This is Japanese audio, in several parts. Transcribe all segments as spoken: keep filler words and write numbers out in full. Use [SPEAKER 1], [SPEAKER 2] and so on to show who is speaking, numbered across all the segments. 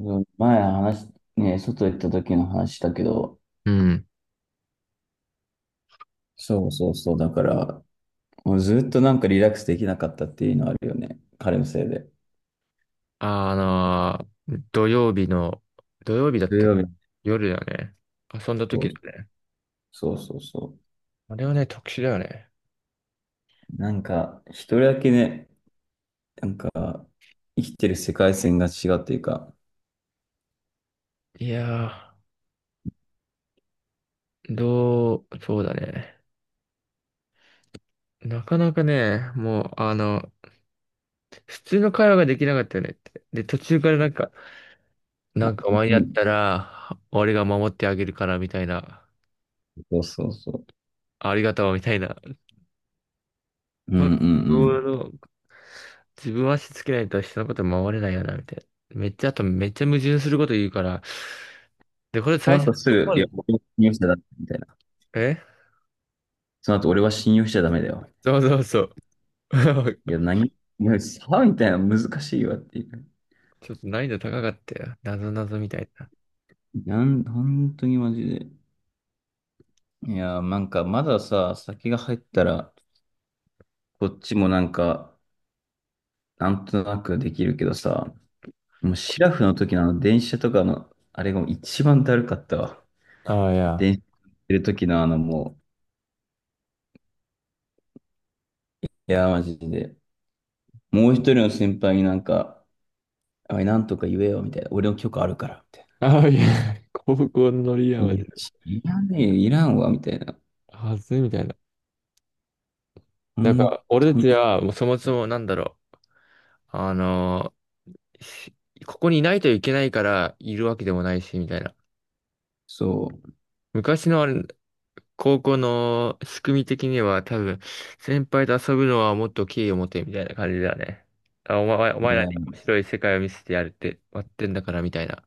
[SPEAKER 1] うん、前話、ね、外行った時の話だけど、
[SPEAKER 2] うん。
[SPEAKER 1] そうそうそう、だから、もうずっとなんかリラックスできなかったっていうのあるよね。彼のせいで。
[SPEAKER 2] あの、土曜日の、土曜日だっ
[SPEAKER 1] 土
[SPEAKER 2] た
[SPEAKER 1] 曜日の、
[SPEAKER 2] 夜だよね。遊んだ時だね。
[SPEAKER 1] そうそうそうそ
[SPEAKER 2] あれはね、特殊だよね。
[SPEAKER 1] う。なんか、一人だけね、なんか、生きてる世界線が違うっていうか、
[SPEAKER 2] いやー、どう、そうだね。なかなかね、もう、あの、普通の会話ができなかったよねって。で、途中からなんか、なんかお
[SPEAKER 1] う
[SPEAKER 2] 前やっ
[SPEAKER 1] ん、
[SPEAKER 2] たら、俺が守ってあげるから、みたいな。
[SPEAKER 1] そうそうそ
[SPEAKER 2] ありがとう、みたいな。
[SPEAKER 1] う。うんうんう
[SPEAKER 2] もうあ
[SPEAKER 1] ん。
[SPEAKER 2] の自分は足つけないと人のこと守れないよな、みたいな。めっちゃ、あとめっちゃ矛盾すること言うから、で、これ
[SPEAKER 1] そ
[SPEAKER 2] 最
[SPEAKER 1] の
[SPEAKER 2] 初、
[SPEAKER 1] 後す
[SPEAKER 2] どこ、
[SPEAKER 1] ぐ、いや、俺は信用しちゃダメみたいな。
[SPEAKER 2] え
[SPEAKER 1] その後、俺は信用しちゃダメだよ。
[SPEAKER 2] そうそうそう。
[SPEAKER 1] い や、何、いや、さあみたいな、難しいわっていう。
[SPEAKER 2] ちょっと難易度高かったよ。なぞなぞみたいな。
[SPEAKER 1] なん、本当にマジで。いやー、なんかまださ、先が入ったら、こっちもなんか、なんとなくできるけどさ、もうシラフの時のあの電車とかの、あれがもう一番だるかったわ。
[SPEAKER 2] ああ、いや。
[SPEAKER 1] 電車乗ってる時のあのもう、いやー、マジで。もう一人の先輩になんか、あい、なんとか言えよ、みたいな。俺の許可あるから、みたい
[SPEAKER 2] ああ、いや。高校のリア
[SPEAKER 1] な。
[SPEAKER 2] マ
[SPEAKER 1] い
[SPEAKER 2] ジ
[SPEAKER 1] や、
[SPEAKER 2] で。
[SPEAKER 1] いらねえよ、いらんわ、みたいな。
[SPEAKER 2] はずいみたいな。
[SPEAKER 1] ほ
[SPEAKER 2] なん
[SPEAKER 1] ん
[SPEAKER 2] か、俺
[SPEAKER 1] と
[SPEAKER 2] た
[SPEAKER 1] に、
[SPEAKER 2] ちは、もうそもそもなんだろう。あのーしここにいないといけないからいるわけでもないし、みたいな。
[SPEAKER 1] そ
[SPEAKER 2] 昔のあれ、高校の仕組み的には多分、先輩と遊ぶのはもっと敬意を持てみたいな感じだよね。あ、お前、お
[SPEAKER 1] う。い
[SPEAKER 2] 前ら
[SPEAKER 1] や、
[SPEAKER 2] に面白い世界を見せてやるって、割ってんだからみたいな。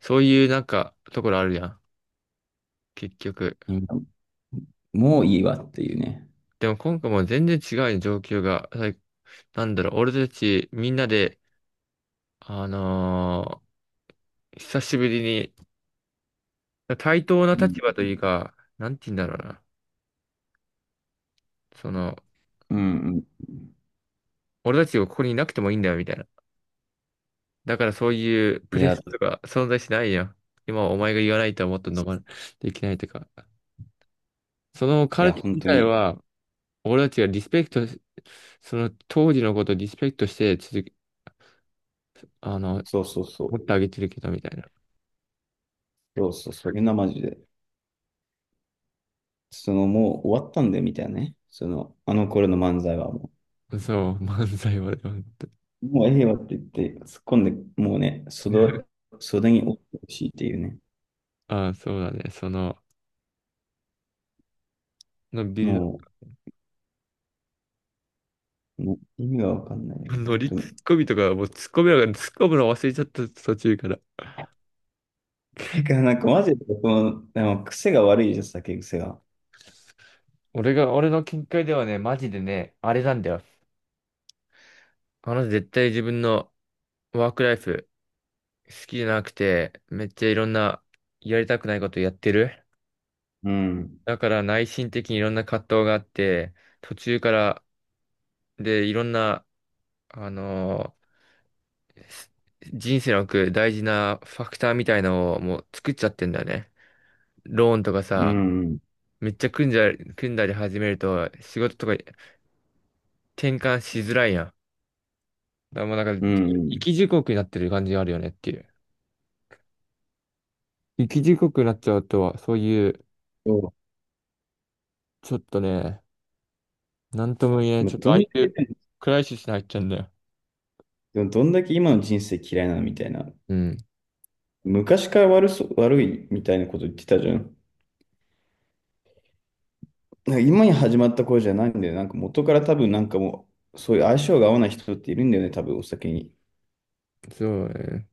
[SPEAKER 2] そういうなんか、ところあるやん。結局。
[SPEAKER 1] 今もういいわっていうね。
[SPEAKER 2] でも今回もう全然違うよ状況が。はい、なんだろう、俺たちみんなで、あのー久しぶりに、対等な
[SPEAKER 1] うん、
[SPEAKER 2] 立場というか、なんて言うんだろうな。その、
[SPEAKER 1] うん、うん。
[SPEAKER 2] 俺たちがここにいなくてもいいんだよみたいな。だからそういうプ
[SPEAKER 1] い
[SPEAKER 2] レ
[SPEAKER 1] や、
[SPEAKER 2] スとか存在しないやん。今はお前が言わないとはもっと飲まないといけないとか。その
[SPEAKER 1] い
[SPEAKER 2] カル
[SPEAKER 1] や、
[SPEAKER 2] テ
[SPEAKER 1] 本
[SPEAKER 2] 自
[SPEAKER 1] 当
[SPEAKER 2] 体
[SPEAKER 1] に。
[SPEAKER 2] は、俺たちがリスペクトし、その当時のことをリスペクトして続け、あの、
[SPEAKER 1] そうそうそう。
[SPEAKER 2] 持ってあげてるけどみたい
[SPEAKER 1] そうそう、それがマジで。その、もう終わったんだよ、みたいなね。その、あの頃の漫才はも
[SPEAKER 2] な。そう、漫才はね、本当
[SPEAKER 1] う、もうええわって言って、突っ込んで、もうね、
[SPEAKER 2] に
[SPEAKER 1] 袖、袖に折ってほしいっていうね。
[SPEAKER 2] ああ、そうだね。その、のビル
[SPEAKER 1] もう、もう意味がわかんないよ、
[SPEAKER 2] ド、ノ
[SPEAKER 1] 本
[SPEAKER 2] リ
[SPEAKER 1] 当
[SPEAKER 2] ツッ
[SPEAKER 1] に。
[SPEAKER 2] コミとか、もうツッコミなんかツッコむの忘れちゃった途中から。
[SPEAKER 1] てか、なんかマジで、この、でも癖が悪いじゃん、酒癖が。
[SPEAKER 2] 俺が、俺の見解ではね、マジでね、あれなんだよ。あの絶対自分のワークライフ好きじゃなくて、めっちゃいろんなやりたくないことやってる。
[SPEAKER 1] うん、
[SPEAKER 2] だから内心的にいろんな葛藤があって、途中からでいろんな、あのーす人生の奥大事なファクターみたいのをもう作っちゃってんだよね。ローンとか
[SPEAKER 1] う
[SPEAKER 2] さ、
[SPEAKER 1] ん、
[SPEAKER 2] めっちゃ組んじゃ、組んだり始めると仕事とか転換しづらいやん。だからもうなん
[SPEAKER 1] う
[SPEAKER 2] か、生
[SPEAKER 1] ん。
[SPEAKER 2] き地獄になってる感じがあるよねっていう。生き地獄になっちゃうとは、そういう、
[SPEAKER 1] そ
[SPEAKER 2] ちょっとね、なんとも言えな
[SPEAKER 1] う。
[SPEAKER 2] い。
[SPEAKER 1] も
[SPEAKER 2] ちょ
[SPEAKER 1] う
[SPEAKER 2] っと
[SPEAKER 1] どん
[SPEAKER 2] 相
[SPEAKER 1] だ
[SPEAKER 2] 手、
[SPEAKER 1] けね、
[SPEAKER 2] クライシスに入っちゃうんだよ。
[SPEAKER 1] でもどんだけ今の人生嫌いなのみたいな。
[SPEAKER 2] うん。
[SPEAKER 1] 昔から悪そう、悪いみたいなこと言ってたじゃん。なんか今に始まった頃じゃないんだよね。なんか元から多分なんかもう、そういう相性が合わない人っているんだよね、多分お酒に。い
[SPEAKER 2] そうだね。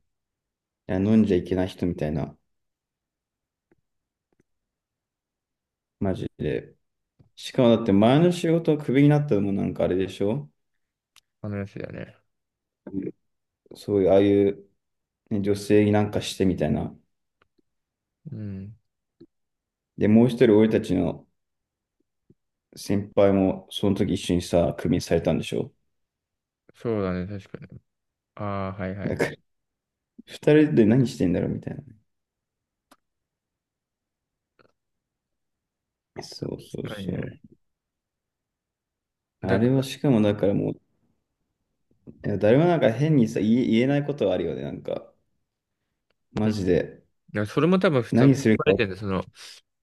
[SPEAKER 1] や、飲んじゃいけない人みたいな、マジで。しかもだって前の仕事をクビになったのもなんかあれでしょ。
[SPEAKER 2] 話だね。
[SPEAKER 1] そういう、ああいう、ね、女性になんかしてみたいな。
[SPEAKER 2] うん。
[SPEAKER 1] で、もう一人俺たちの先輩もその時一緒にさ、クビにされたんでしょ。
[SPEAKER 2] そうだね。確かに。ああ、はいは
[SPEAKER 1] だ
[SPEAKER 2] い。
[SPEAKER 1] から、ふたりで何してんだろうみたいな。そうそう
[SPEAKER 2] 確かに
[SPEAKER 1] そ
[SPEAKER 2] ね。
[SPEAKER 1] う。あ
[SPEAKER 2] だ
[SPEAKER 1] れ
[SPEAKER 2] か
[SPEAKER 1] は
[SPEAKER 2] ら、
[SPEAKER 1] しかもだからもう、いや誰もなんか変にさ、言え、言えないことはあるよね、なんか。
[SPEAKER 2] う
[SPEAKER 1] マ
[SPEAKER 2] ん。だ
[SPEAKER 1] ジ
[SPEAKER 2] か
[SPEAKER 1] で。
[SPEAKER 2] らそれも多分普通
[SPEAKER 1] 何
[SPEAKER 2] 含
[SPEAKER 1] する
[SPEAKER 2] ま
[SPEAKER 1] か。
[SPEAKER 2] れ
[SPEAKER 1] う
[SPEAKER 2] てるんだよ。その、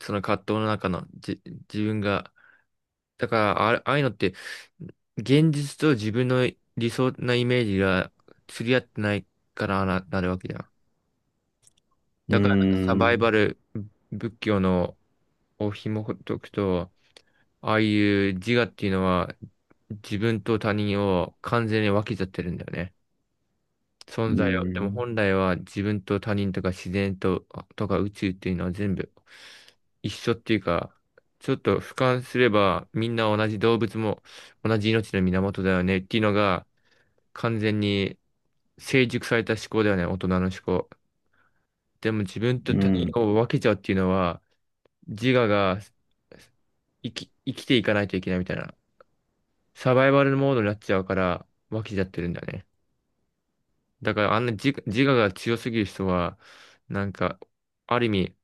[SPEAKER 2] その葛藤の中の、じ、自分が。だから、ああああいうのって、現実と自分の理想なイメージが釣り合ってないからな、なるわけじゃん。
[SPEAKER 1] ー
[SPEAKER 2] だから、サバイバ
[SPEAKER 1] ん、
[SPEAKER 2] ル、仏教のお紐解くと、ああいう自我っていうのは、自分と他人を完全に分けちゃってるんだよね。
[SPEAKER 1] う
[SPEAKER 2] 存在を。で
[SPEAKER 1] ー
[SPEAKER 2] も
[SPEAKER 1] ん、
[SPEAKER 2] 本来は自分と他人とか自然と、とか宇宙っていうのは全部一緒っていうか、ちょっと俯瞰すればみんな同じ動物も同じ命の源だよねっていうのが完全に成熟された思考だよね、大人の思考。でも自分と
[SPEAKER 1] う
[SPEAKER 2] 他
[SPEAKER 1] ん、
[SPEAKER 2] 人を分けちゃうっていうのは自我が生き、生きていかないといけないみたいな。サバイバルモードになっちゃうから、湧きちゃってるんだね。だからあんな自、自我が強すぎる人は、なんか、ある意味、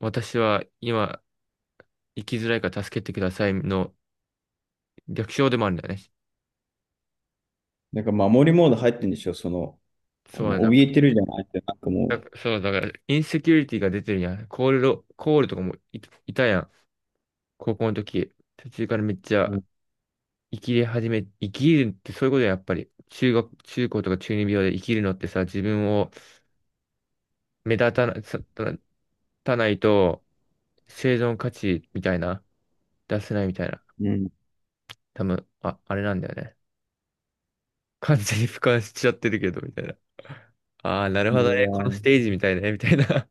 [SPEAKER 2] 私は今、生きづらいから助けてくださいの逆称でもあるんだよね。
[SPEAKER 1] なんか守りモード入ってんでしょ、その、あ
[SPEAKER 2] そ
[SPEAKER 1] の
[SPEAKER 2] うだ、だ
[SPEAKER 1] 怯えてるじゃないって、なんか
[SPEAKER 2] だ
[SPEAKER 1] も
[SPEAKER 2] そうだから、インセキュリティが出てるやん。コールド、コールとかもい、いたやん。高校の時。途中からめっち
[SPEAKER 1] う、う
[SPEAKER 2] ゃ
[SPEAKER 1] ん、
[SPEAKER 2] 生きり始め、生きるってそういうことや、やっぱり。中学、中高とか中二病で生きるのってさ、自分を目立たな、さたたないと生存価値みたいな、出せないみたいな。
[SPEAKER 1] うん。
[SPEAKER 2] 多分、あ、あれなんだよね。完全に俯瞰しちゃってるけど、みたいな。ああ、なるほどね。このステージみたいね、みたいな。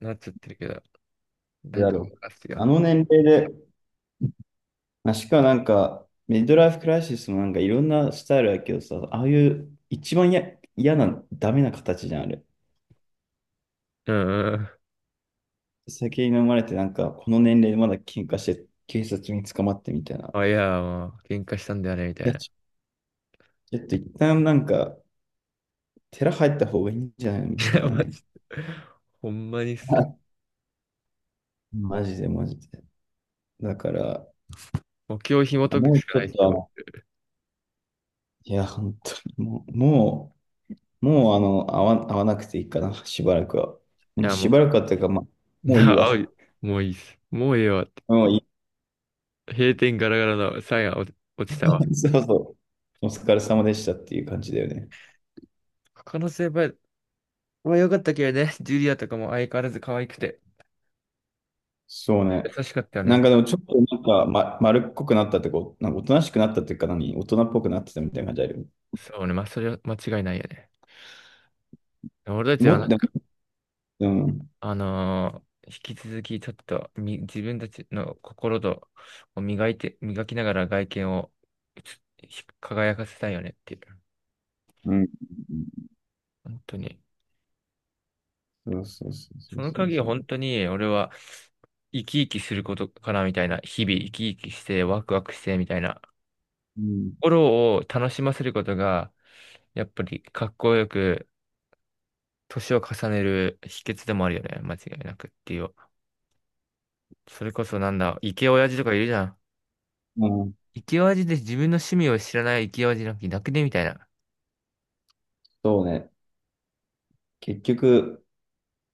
[SPEAKER 2] なっちゃってるけど。
[SPEAKER 1] い
[SPEAKER 2] なん
[SPEAKER 1] やーだ
[SPEAKER 2] か、
[SPEAKER 1] ろう。
[SPEAKER 2] 任す
[SPEAKER 1] あ
[SPEAKER 2] よ。
[SPEAKER 1] の年齢で、まあ、しかもなんか、ミッドライフクライシスもなんかいろんなスタイルだけどさ、ああいう一番や嫌な、ダメな形じゃん、あれ。
[SPEAKER 2] うんうん。
[SPEAKER 1] 酒に飲まれて、なんか、この年齢でまだ喧嘩して、警察に捕まってみたいな。
[SPEAKER 2] あ、いや、もう、喧嘩したんだよね、みた
[SPEAKER 1] い
[SPEAKER 2] い
[SPEAKER 1] や、
[SPEAKER 2] な。
[SPEAKER 1] ちちょっと一旦なんか、寺入った方がいいんじゃないみ
[SPEAKER 2] い
[SPEAKER 1] たい
[SPEAKER 2] や、
[SPEAKER 1] な
[SPEAKER 2] マ
[SPEAKER 1] ね。
[SPEAKER 2] ジで。ほんまにっすよ。
[SPEAKER 1] マジでマジで。だから、
[SPEAKER 2] 目標を紐解
[SPEAKER 1] も
[SPEAKER 2] く
[SPEAKER 1] う
[SPEAKER 2] しか
[SPEAKER 1] ち
[SPEAKER 2] な
[SPEAKER 1] ょ
[SPEAKER 2] いっ
[SPEAKER 1] っ
[SPEAKER 2] す
[SPEAKER 1] とあ
[SPEAKER 2] よ。
[SPEAKER 1] の、
[SPEAKER 2] い
[SPEAKER 1] いや、本当にもう、もう、もうあの、会わ、会わなくていいかな、しばらくは。もう
[SPEAKER 2] や、
[SPEAKER 1] し
[SPEAKER 2] もう、
[SPEAKER 1] ばらくはっていうか、まあ、もういい
[SPEAKER 2] なあ、おい、
[SPEAKER 1] わ。
[SPEAKER 2] もういいっす。もうええわって。
[SPEAKER 1] もういい。
[SPEAKER 2] 閉店ガラガラのサインが落ち落ちたわ。
[SPEAKER 1] そうそう。お疲れ様でしたっていう感じだよね。
[SPEAKER 2] 可能性は、まあ良かったけどね、ジュリアとかも相変わらず可愛くて、
[SPEAKER 1] そうね。
[SPEAKER 2] 優しかったよ
[SPEAKER 1] なん
[SPEAKER 2] ね。
[SPEAKER 1] かでもちょっとなんか、ま、丸っこくなったってこう、なんかおとなしくなったっていうか何、大人っぽくなってたみたいな感じあるよね。
[SPEAKER 2] そうね、まあそれは間違いないよね。俺たちは
[SPEAKER 1] も
[SPEAKER 2] なん
[SPEAKER 1] っと、
[SPEAKER 2] か、
[SPEAKER 1] うん、
[SPEAKER 2] あのー引き続きちょっとみ自分たちの心とを磨いて、磨きながら外見をひ輝かせたいよねっていう。
[SPEAKER 1] うん、
[SPEAKER 2] 本当に。
[SPEAKER 1] そうそうそうそ
[SPEAKER 2] そ
[SPEAKER 1] う
[SPEAKER 2] の
[SPEAKER 1] そう
[SPEAKER 2] 鍵は
[SPEAKER 1] そう。
[SPEAKER 2] 本当に俺は生き生きすることかなみたいな、日々生き生きしてワクワクしてみたいな。
[SPEAKER 1] うん、
[SPEAKER 2] 心を楽しませることが、やっぱりかっこよく年を重ねる秘訣でもあるよね。間違いなくっていう。それこそなんだ、イケオヤジとかいるじゃん。
[SPEAKER 1] うん、
[SPEAKER 2] イケオヤジで自分の趣味を知らないイケオヤジなんていなくねみたいな。
[SPEAKER 1] そうね。結局、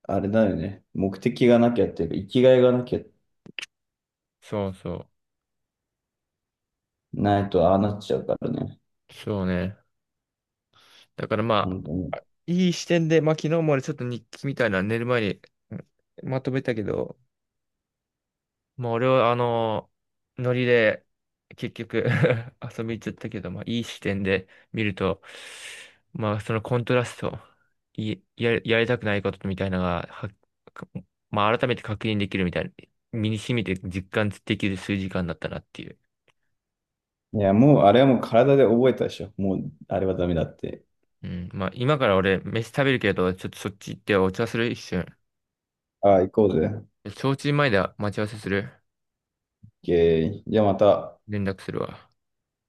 [SPEAKER 1] あれだよね。目的がなきゃっていうか、生きがいがなきゃ
[SPEAKER 2] そうそう。
[SPEAKER 1] ないとああなっちゃうからね。
[SPEAKER 2] そうね。だからま
[SPEAKER 1] 本当に。
[SPEAKER 2] あ、いい視点で、まあ昨日も俺ちょっと日記みたいなの寝る前にうんまとめたけど、もう俺はあの、ノリで結局 遊び行っちゃったけど、まあいい視点で見ると、まあそのコントラスト、い、や、やりたくないことみたいなのが、は、かまあ改めて確認できるみたいな、身に染みて実感できる数時間だったなっていう。
[SPEAKER 1] いや、もう、あれはもう体で覚えたでしょ。もう、あれはダメだって。
[SPEAKER 2] うん、まあ今から俺飯食べるけど、ちょっとそっち行ってお茶する一瞬。
[SPEAKER 1] ああ、行こうぜ。オッ
[SPEAKER 2] 焼酎前で待ち合わせする。
[SPEAKER 1] ケー。じゃあまた。オ
[SPEAKER 2] 連絡するわ。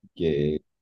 [SPEAKER 1] ッケー。